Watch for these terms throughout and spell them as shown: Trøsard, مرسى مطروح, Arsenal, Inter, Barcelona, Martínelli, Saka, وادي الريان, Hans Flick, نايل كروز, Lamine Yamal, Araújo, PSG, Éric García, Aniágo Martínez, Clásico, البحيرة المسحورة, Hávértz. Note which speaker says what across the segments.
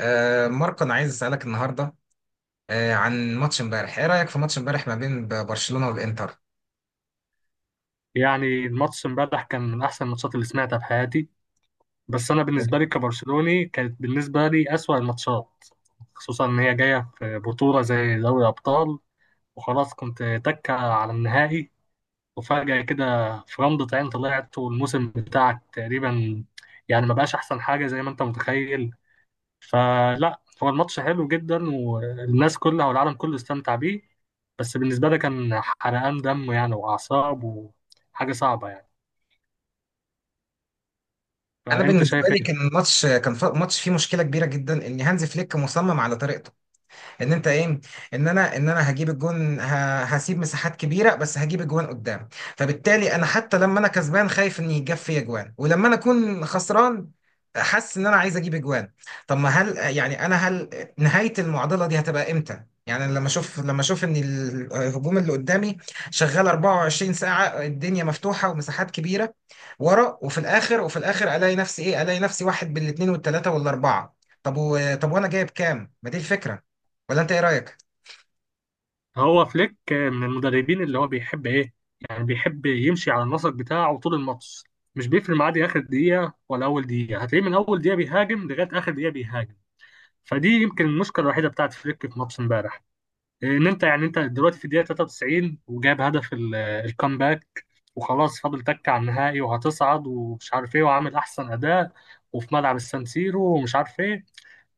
Speaker 1: ماركو، انا عايز اسالك النهارده عن ماتش امبارح. ايه رايك في ماتش امبارح ما بين برشلونه والانتر؟
Speaker 2: يعني الماتش امبارح كان من احسن الماتشات اللي سمعتها في حياتي. بس انا بالنسبه لي كبرشلوني كانت بالنسبه لي اسوأ الماتشات، خصوصا ان هي جايه في بطوله زي دوري ابطال وخلاص كنت تكه على النهائي. وفجاه كده في رمضة عين طلعت والموسم بتاعك تقريبا، يعني ما بقاش احسن حاجه زي ما انت متخيل. فلا هو الماتش حلو جدا والناس كلها والعالم كله استمتع بيه، بس بالنسبه لي كان حرقان دم يعني واعصاب وحاجه صعبه يعني.
Speaker 1: انا
Speaker 2: فانت
Speaker 1: بالنسبه
Speaker 2: شايف
Speaker 1: لي كان
Speaker 2: ايه؟
Speaker 1: ماتش فيه مشكله كبيره جدا ان هانز فليك مصمم على طريقته. ان انت ايه، ان انا هجيب الجون، هسيب مساحات كبيره بس هجيب الجوان قدام. فبالتالي انا حتى لما انا كسبان خايف ان يجاب فيا جوان، ولما انا اكون خسران حاسس ان انا عايز اجيب اجوان. طب، ما هل يعني انا، هل نهايه المعضله دي هتبقى امتى؟ يعني لما اشوف ان الهجوم اللي قدامي شغال 24 ساعه، الدنيا مفتوحه ومساحات كبيره ورا، وفي الاخر الاقي نفسي ايه، الاقي نفسي واحد بالاثنين والثلاثه والاربعه. طب وانا جايب كام؟ ما دي الفكره، ولا انت ايه رايك؟
Speaker 2: هو فليك من المدربين اللي هو بيحب ايه، يعني بيحب يمشي على النسق بتاعه طول الماتش. مش بيفرق معاه دي اخر دقيقه ولا اول دقيقه، هتلاقيه من اول دقيقه بيهاجم لغايه اخر دقيقه بيهاجم. فدي يمكن المشكله الوحيده بتاعت فليك في ماتش امبارح. ان انت يعني انت دلوقتي في الدقيقه 93 وجاب هدف الكامباك وخلاص فاضل تك على النهائي وهتصعد ومش عارف ايه وعامل احسن اداء وفي ملعب السان سيرو ومش عارف ايه.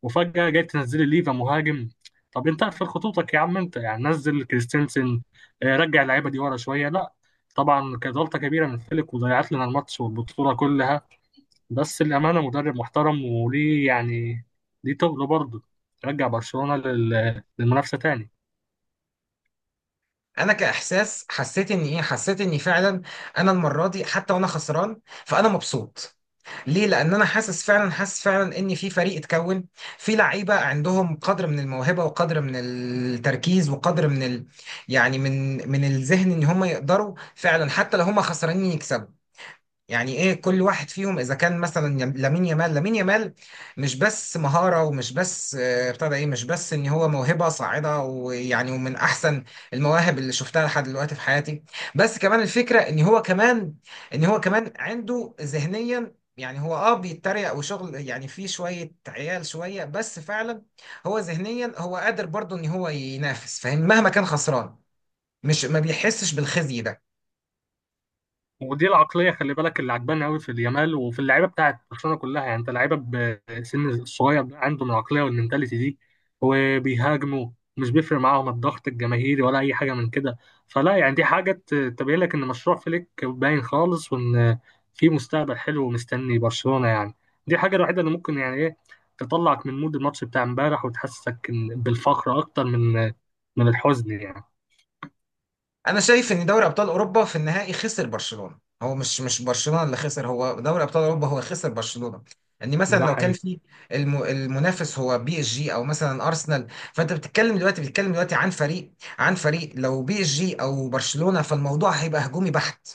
Speaker 2: وفجأة جاي تنزلي ليفا مهاجم؟ طب انت اقفل خطوطك يا عم، انت يعني نزل كريستنسن رجع اللعيبة دي ورا شوية لا. طبعا كانت غلطة كبيرة من فليك وضيعت لنا الماتش والبطولة كلها. بس الأمانة مدرب محترم وليه يعني، ليه تقله برضه رجع برشلونة للمنافسة تاني.
Speaker 1: انا كاحساس حسيت ان حسيت اني فعلا، انا المره دي حتى وانا خسران فانا مبسوط. ليه؟ لان انا حاسس فعلا، ان في فريق اتكون، في لعيبه عندهم قدر من الموهبه، وقدر من التركيز، وقدر من يعني من الذهن ان هم يقدروا فعلا حتى لو هم خسرانين يكسبوا. يعني ايه، كل واحد فيهم اذا كان مثلا لامين يامال، مش بس مهارة، ومش بس ابتدى ايه، مش بس ان هو موهبة صاعدة، ويعني ومن احسن المواهب اللي شفتها لحد دلوقتي في حياتي. بس كمان الفكرة ان هو كمان، عنده ذهنيا، يعني هو بيتريق وشغل، يعني فيه شوية عيال شوية، بس فعلا هو ذهنيا هو قادر برضه ان هو ينافس، فاهم؟ مهما كان خسران مش ما بيحسش بالخزي ده.
Speaker 2: ودي العقليه خلي بالك اللي عجباني قوي في اليامال وفي اللعيبه بتاعت برشلونه كلها، يعني انت لعيبه بسن الصغير ده عندهم العقليه والمنتاليتي دي وبيهاجموا. مش بيفرق معاهم الضغط الجماهيري ولا اي حاجه من كده. فلا يعني دي حاجه تبين لك ان مشروع فليك باين خالص وان في مستقبل حلو ومستني برشلونه يعني. دي الحاجه الوحيده اللي ممكن يعني ايه تطلعك من مود الماتش بتاع امبارح وتحسسك بالفخر اكتر من الحزن يعني.
Speaker 1: انا شايف ان دوري ابطال اوروبا في النهائي خسر برشلونه. هو مش برشلونه اللي خسر، هو دوري ابطال اوروبا هو خسر برشلونه. ان مثلا
Speaker 2: ده
Speaker 1: لو كان
Speaker 2: حقيقي.
Speaker 1: في المنافس هو بي اس جي او مثلا ارسنال، فانت بتتكلم دلوقتي، عن فريق، عن فريق، لو بي اس جي او برشلونه، فالموضوع هيبقى هجومي بحت،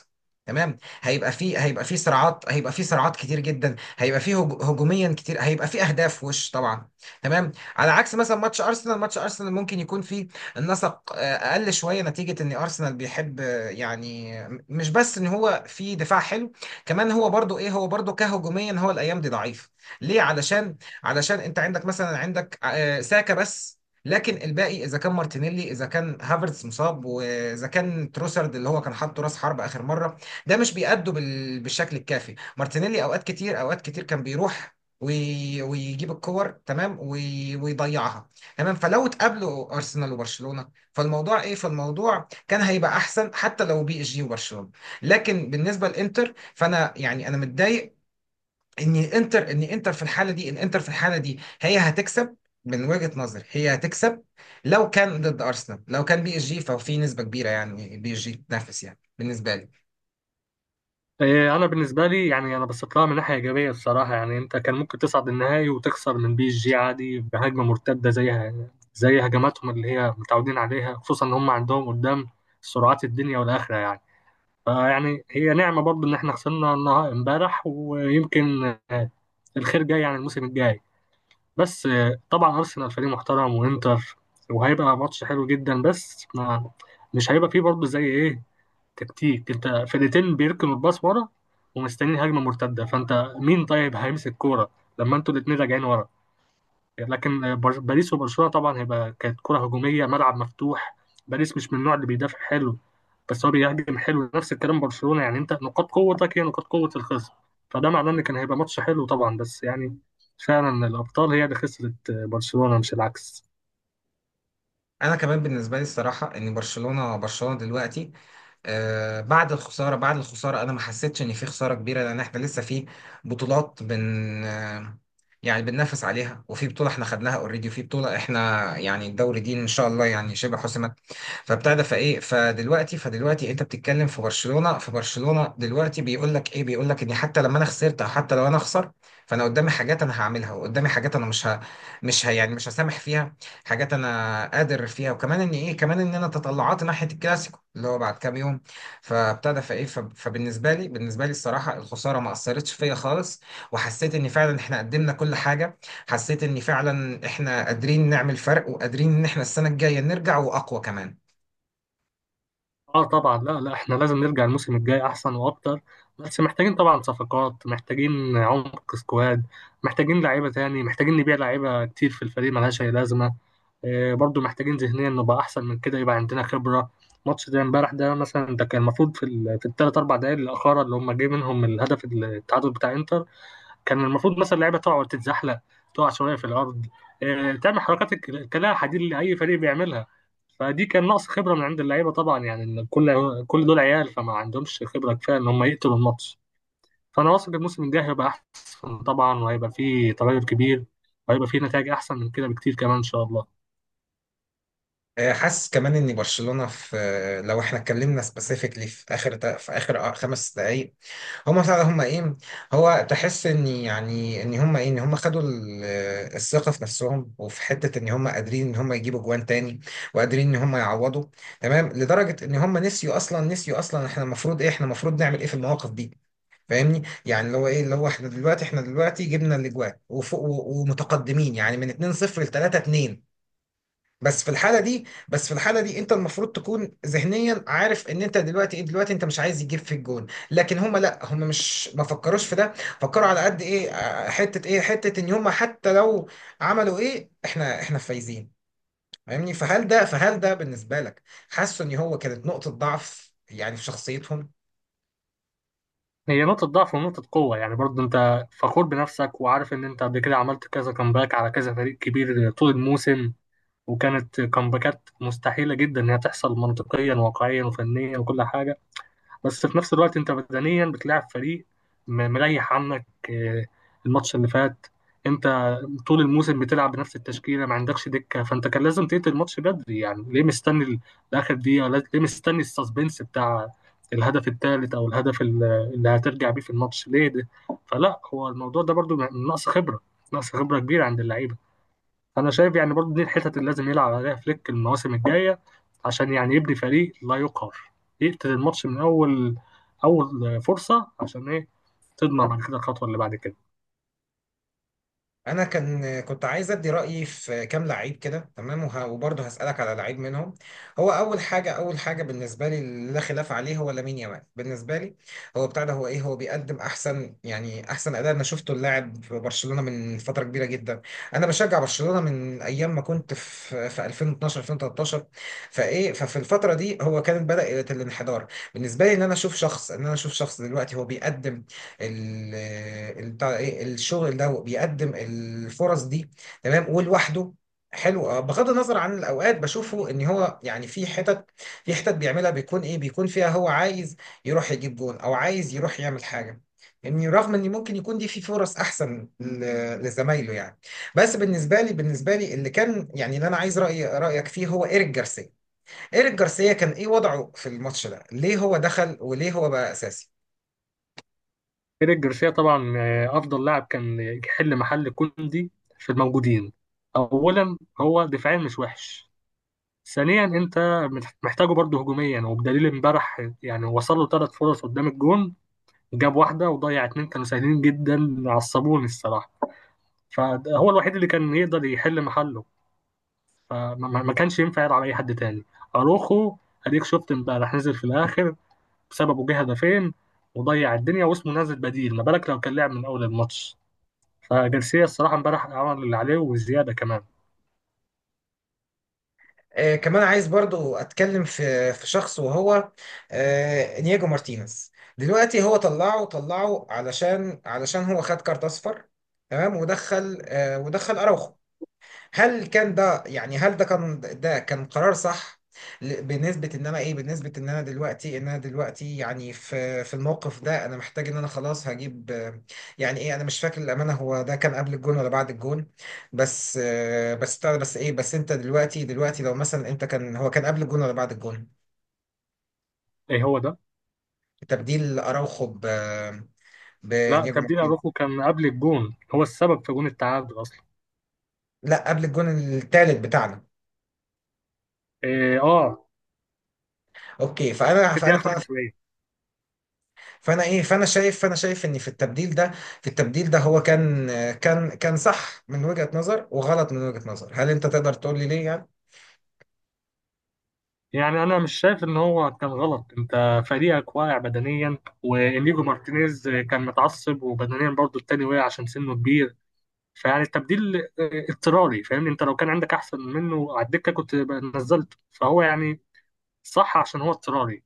Speaker 1: تمام. هيبقى فيه، صراعات كتير جدا، هيبقى فيه هجوميا كتير، هيبقى فيه اهداف وش طبعا. تمام، على عكس مثلا ماتش ارسنال، ممكن يكون فيه النسق اقل شويه، نتيجه ان ارسنال بيحب يعني مش بس ان هو في دفاع حلو، كمان هو برضو ايه، هو برضو كهجوميا هو الايام دي ضعيف. ليه؟ علشان، علشان انت عندك مثلا، عندك ساكا بس، لكن الباقي اذا كان مارتينيلي، اذا كان هافرتز مصاب، واذا كان تروسرد اللي هو كان حاطه راس حرب اخر مره، ده مش بيأدوا بالشكل الكافي. مارتينيلي اوقات كتير، كان بيروح ويجيب الكور تمام ويضيعها. تمام، فلو اتقابلوا ارسنال وبرشلونه فالموضوع ايه، كان هيبقى احسن حتى لو بي اس جي وبرشلونه. لكن بالنسبه للانتر، فانا يعني انا متضايق ان انتر، في الحاله دي، الانتر في الحاله دي هي هتكسب، من وجهه نظري هي هتكسب. لو كان ضد ارسنال، لو كان بي اس جي، ففي نسبه كبيره يعني بي اس جي تنافس، يعني بالنسبه لي.
Speaker 2: إيه، انا بالنسبه لي يعني انا بثق لها من ناحيه ايجابيه الصراحه، يعني انت كان ممكن تصعد النهائي وتخسر من بي اس جي عادي بهجمه مرتده زيها زي هجماتهم اللي هي متعودين عليها، خصوصا ان هم عندهم قدام سرعات الدنيا والاخره يعني. فيعني هي نعمه برضو ان احنا خسرنا النهائي امبارح، ويمكن آه، الخير جاي يعني الموسم الجاي. بس طبعا ارسنال فريق محترم وانتر، وهيبقى ماتش حلو جدا بس ما مش هيبقى فيه برضه زي ايه تكتيك، انت فرقتين بيركنوا الباص ورا ومستنيين هجمه مرتده، فانت مين طيب هيمسك الكوره لما انتوا الاثنين راجعين ورا. لكن باريس وبرشلونه طبعا هيبقى كانت كره هجوميه ملعب مفتوح. باريس مش من النوع اللي بيدافع حلو، بس هو بيهاجم حلو. نفس الكلام برشلونه، يعني انت نقاط قوتك هي نقاط قوه الخصم. فده معناه ان كان هيبقى ماتش حلو طبعا، بس يعني فعلا الابطال هي اللي خسرت برشلونه مش العكس.
Speaker 1: انا كمان بالنسبه لي الصراحه، ان برشلونه دلوقتي بعد الخسارة، أنا ما حسيتش إن في خسارة كبيرة، لأن إحنا لسه في بطولات، بن آه، يعني بننافس عليها، وفي بطولة إحنا خدناها أوريدي، وفي بطولة إحنا يعني الدوري دي إن شاء الله يعني شبه حسم. فبتاع ده فايه فدلوقتي، انت بتتكلم في برشلونه، دلوقتي بيقول لك ايه، بيقول لك ان حتى لما انا خسرت، او حتى لو انا اخسر، فانا قدامي حاجات انا هعملها، وقدامي حاجات انا مش ه... يعني مش هسامح فيها، حاجات انا قادر فيها. وكمان ان ايه، كمان ان انا تطلعات ناحيه الكلاسيكو اللي هو بعد كام يوم. فبالنسبه لي، بالنسبه لي الصراحه الخساره ما اثرتش فيا خالص، وحسيت ان فعلا احنا قدمنا كل حاجه، حسيت ان فعلا احنا قادرين نعمل فرق، وقادرين ان احنا السنه الجايه نرجع واقوى كمان.
Speaker 2: اه طبعا، لا لا، احنا لازم نرجع الموسم الجاي احسن واكتر. بس محتاجين طبعا صفقات، محتاجين عمق سكواد، محتاجين لعيبه تاني، محتاجين نبيع لعيبه كتير في الفريق ملهاش اي لازمه. آه برضو محتاجين ذهنيا نبقى احسن من كده يبقى عندنا خبره. ماتش زي امبارح ده مثلا، ده كان المفروض في في الثلاث اربع دقائق الاخيره اللي هم جاي منهم الهدف التعادل بتاع انتر. كان المفروض مثلا اللعيبه تقع وتتزحلق، تقع شويه في الارض، آه تعمل حركات كلاعب حديد اللي اي فريق بيعملها. فدي كان نقص خبره من عند اللعيبه طبعا، يعني إن كل دول عيال فما عندهمش خبره كفايه ان هم يقتلوا الماتش. فانا واثق الموسم الجاي هيبقى احسن طبعا، وهيبقى فيه تغير كبير، وهيبقى فيه نتائج احسن من كده بكتير كمان ان شاء الله.
Speaker 1: حاسس كمان ان برشلونه في، لو احنا اتكلمنا سبيسيفيكلي في اخر في اخر 5 دقائق، هم فعلا هم ايه، هو تحس ان يعني ان هم ايه، ان هم خدوا الثقه في نفسهم، وفي حته ان هم قادرين ان هم يجيبوا جوان تاني، وقادرين ان هم يعوضوا. تمام لدرجه ان هم نسيوا اصلا، احنا المفروض ايه، احنا المفروض نعمل ايه في المواقف دي. فاهمني؟ يعني اللي هو ايه، اللي هو احنا دلوقتي، جبنا الاجوان وفوق ومتقدمين، يعني من 2-0 ل 3-2. بس في الحاله دي، انت المفروض تكون ذهنيا عارف ان انت دلوقتي ايه، دلوقتي انت مش عايز يجيب في الجون، لكن هم لا، هم مش ما فكروش في ده، فكروا على قد ايه، حته ايه، حته ان هم حتى لو عملوا ايه احنا، فايزين. فاهمني؟ فهل ده، بالنسبه لك، حاسس ان هو كانت نقطه ضعف يعني في شخصيتهم؟
Speaker 2: هي نقطه ضعف ونقطه قوه يعني، برضه انت فخور بنفسك وعارف ان انت قبل كده عملت كذا كامباك على كذا فريق كبير طول الموسم، وكانت كامباكات مستحيله جدا انها تحصل منطقيا وواقعيا وفنيا وكل حاجه. بس في نفس الوقت انت بدنيا بتلعب فريق مريح عنك، الماتش اللي فات. انت طول الموسم بتلعب بنفس التشكيله، ما عندكش دكه، فانت كان لازم تقتل الماتش بدري، يعني ليه مستني لاخر دقيقه، ليه مستني السسبنس بتاع الهدف الثالث او الهدف اللي هترجع بيه في الماتش ليه ده. فلا هو الموضوع ده برضو نقص خبره، نقص خبره كبيره عند اللعيبه. انا شايف يعني برضو دي الحتت اللي لازم يلعب عليها فليك المواسم الجايه عشان يعني يبني فريق لا يقهر، يقتل الماتش من اول اول فرصه عشان ايه تضمن بعد كده الخطوه اللي بعد كده.
Speaker 1: انا كان كنت عايز ادي رايي في كام لعيب كده، تمام، وبرضه هسالك على لعيب منهم. هو اول حاجه، بالنسبه لي اللي لا خلاف عليه هو لامين يامال. بالنسبه لي هو بتاع ده، هو ايه، هو بيقدم احسن، اداء. انا شفته اللاعب في برشلونه من فتره كبيره جدا، انا بشجع برشلونه من ايام ما كنت في 2012 2013. فايه، ففي الفتره دي هو كانت بدات الانحدار. بالنسبه لي ان انا اشوف شخص، دلوقتي هو بيقدم ال- بتاع ايه الشغل ده، بيقدم الفرص دي، تمام، ولوحده، حلو. بغض النظر عن الاوقات بشوفه ان هو يعني في حتت، بيعملها بيكون ايه، فيها هو عايز يروح يجيب جون، او عايز يروح يعمل حاجه، يعني رغم ان ممكن يكون دي في فرص احسن لزمايله يعني. بس بالنسبه لي، اللي كان يعني، اللي انا عايز رايك فيه هو ايريك جارسيا. ايريك جارسيا كان ايه وضعه في الماتش ده؟ ليه هو دخل، وليه هو بقى اساسي؟
Speaker 2: ايريك جارسيا طبعا افضل لاعب كان يحل محل كوندي في الموجودين. اولا هو دفاعيا مش وحش، ثانيا انت محتاجه برضه هجوميا، وبدليل امبارح يعني وصل له ثلاث فرص قدام الجون، جاب واحده وضيع اتنين كانوا سهلين جدا عصبوني الصراحه. فهو الوحيد اللي كان يقدر يحل محله، فما ما- ما كانش ينفع يلعب على اي حد تاني. اروخو، اديك شفت امبارح نزل في الاخر، بسببه جه هدفين وضيع الدنيا واسمه نازل بديل، ما بالك لو كان لعب من اول الماتش. فجارسيا الصراحه امبارح عمل اللي عليه وزياده كمان.
Speaker 1: كمان عايز برضو اتكلم في شخص وهو انياجو مارتينيز. دلوقتي هو طلعه، علشان، هو خد كارت اصفر، تمام. ودخل ودخل اراوخو. هل كان ده يعني، هل ده كان، ده كان قرار صح؟ بنسبة ان انا ايه، بنسبة ان انا دلوقتي، يعني في الموقف ده، انا محتاج ان انا خلاص هجيب يعني ايه، انا مش فاكر الامانة، هو ده كان قبل الجون ولا بعد الجون؟ بس بس بتاع ده، بس ايه، بس انت دلوقتي، لو مثلا انت كان، هو كان قبل الجون ولا بعد الجون؟
Speaker 2: ايه هو ده.
Speaker 1: تبديل اراوخو
Speaker 2: لا،
Speaker 1: بنياجو
Speaker 2: تبديل
Speaker 1: مارتينيز.
Speaker 2: اروخو كان قبل الجون، هو السبب في جون التعادل اصلا.
Speaker 1: لا، قبل الجون الثالث بتاعنا.
Speaker 2: إيه اه،
Speaker 1: اوكي، فانا
Speaker 2: في الدقيقه
Speaker 1: فانا بتاع،
Speaker 2: 75.
Speaker 1: فانا ايه، فانا شايف، ان في التبديل ده، هو كان، كان صح من وجهة نظر، وغلط من وجهة نظر، هل انت تقدر تقول لي ليه يعني؟
Speaker 2: يعني انا مش شايف ان هو كان غلط، انت فريقك واقع بدنيا، وانيجو مارتينيز كان متعصب وبدنيا برضه التاني وقع عشان سنه كبير. فيعني التبديل اضطراري، فاهمني، انت لو كان عندك احسن منه على الدكه كنت بقى نزلته، فهو يعني صح عشان هو اضطراري،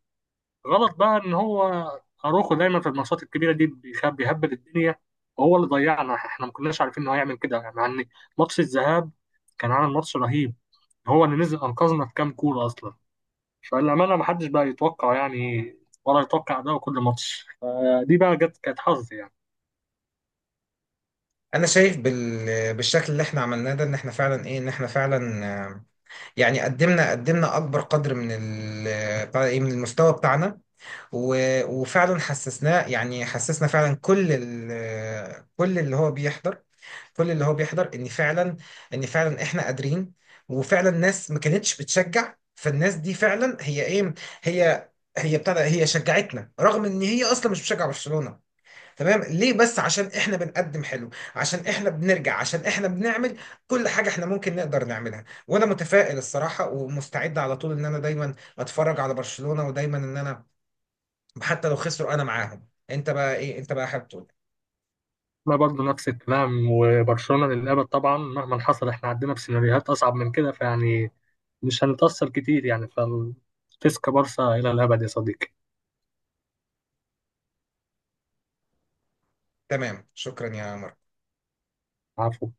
Speaker 2: غلط بقى ان هو اروخو دايما في الماتشات الكبيره دي بيخاب بيهبل الدنيا. وهو اللي ضيعنا، احنا ما كناش عارفين ان هو هيعمل كده يعني، مع ان ماتش الذهاب كان عامل ماتش رهيب، هو اللي نزل انقذنا في كام كوره اصلا. فالأمانة محدش بقى يتوقع يعني، ولا يتوقع ده كل ماتش، فدي بقى جت كانت حظ يعني.
Speaker 1: انا شايف بالشكل اللي احنا عملناه ده ان احنا فعلا ايه، ان احنا فعلا يعني قدمنا، اكبر قدر من ال... بتاع ايه من المستوى بتاعنا. و... وفعلا حسسناه، يعني حسسنا فعلا كل كل اللي هو بيحضر، ان فعلا، احنا قادرين. وفعلا الناس ما كانتش بتشجع، فالناس دي فعلا هي ايه، هي هي ابتدى، شجعتنا رغم ان هي اصلا مش بتشجع برشلونة. تمام، ليه بس؟ عشان احنا بنقدم حلو، عشان احنا بنرجع، عشان احنا بنعمل كل حاجة احنا ممكن نقدر نعملها. وانا متفائل الصراحة، ومستعد على طول ان انا دايما اتفرج على برشلونة، ودايما ان انا حتى لو خسروا انا معاهم. انت بقى ايه، انت بقى حابب تقول إيه؟
Speaker 2: ما برضه نفس الكلام، وبرشلونة للأبد طبعا مهما حصل، احنا عندنا بسيناريوهات أصعب من كده، فيعني مش هنتأثر كتير يعني، فالتسكا بارسا إلى الأبد يا صديقي.
Speaker 1: تمام، شكرا يا مروان.
Speaker 2: عفو.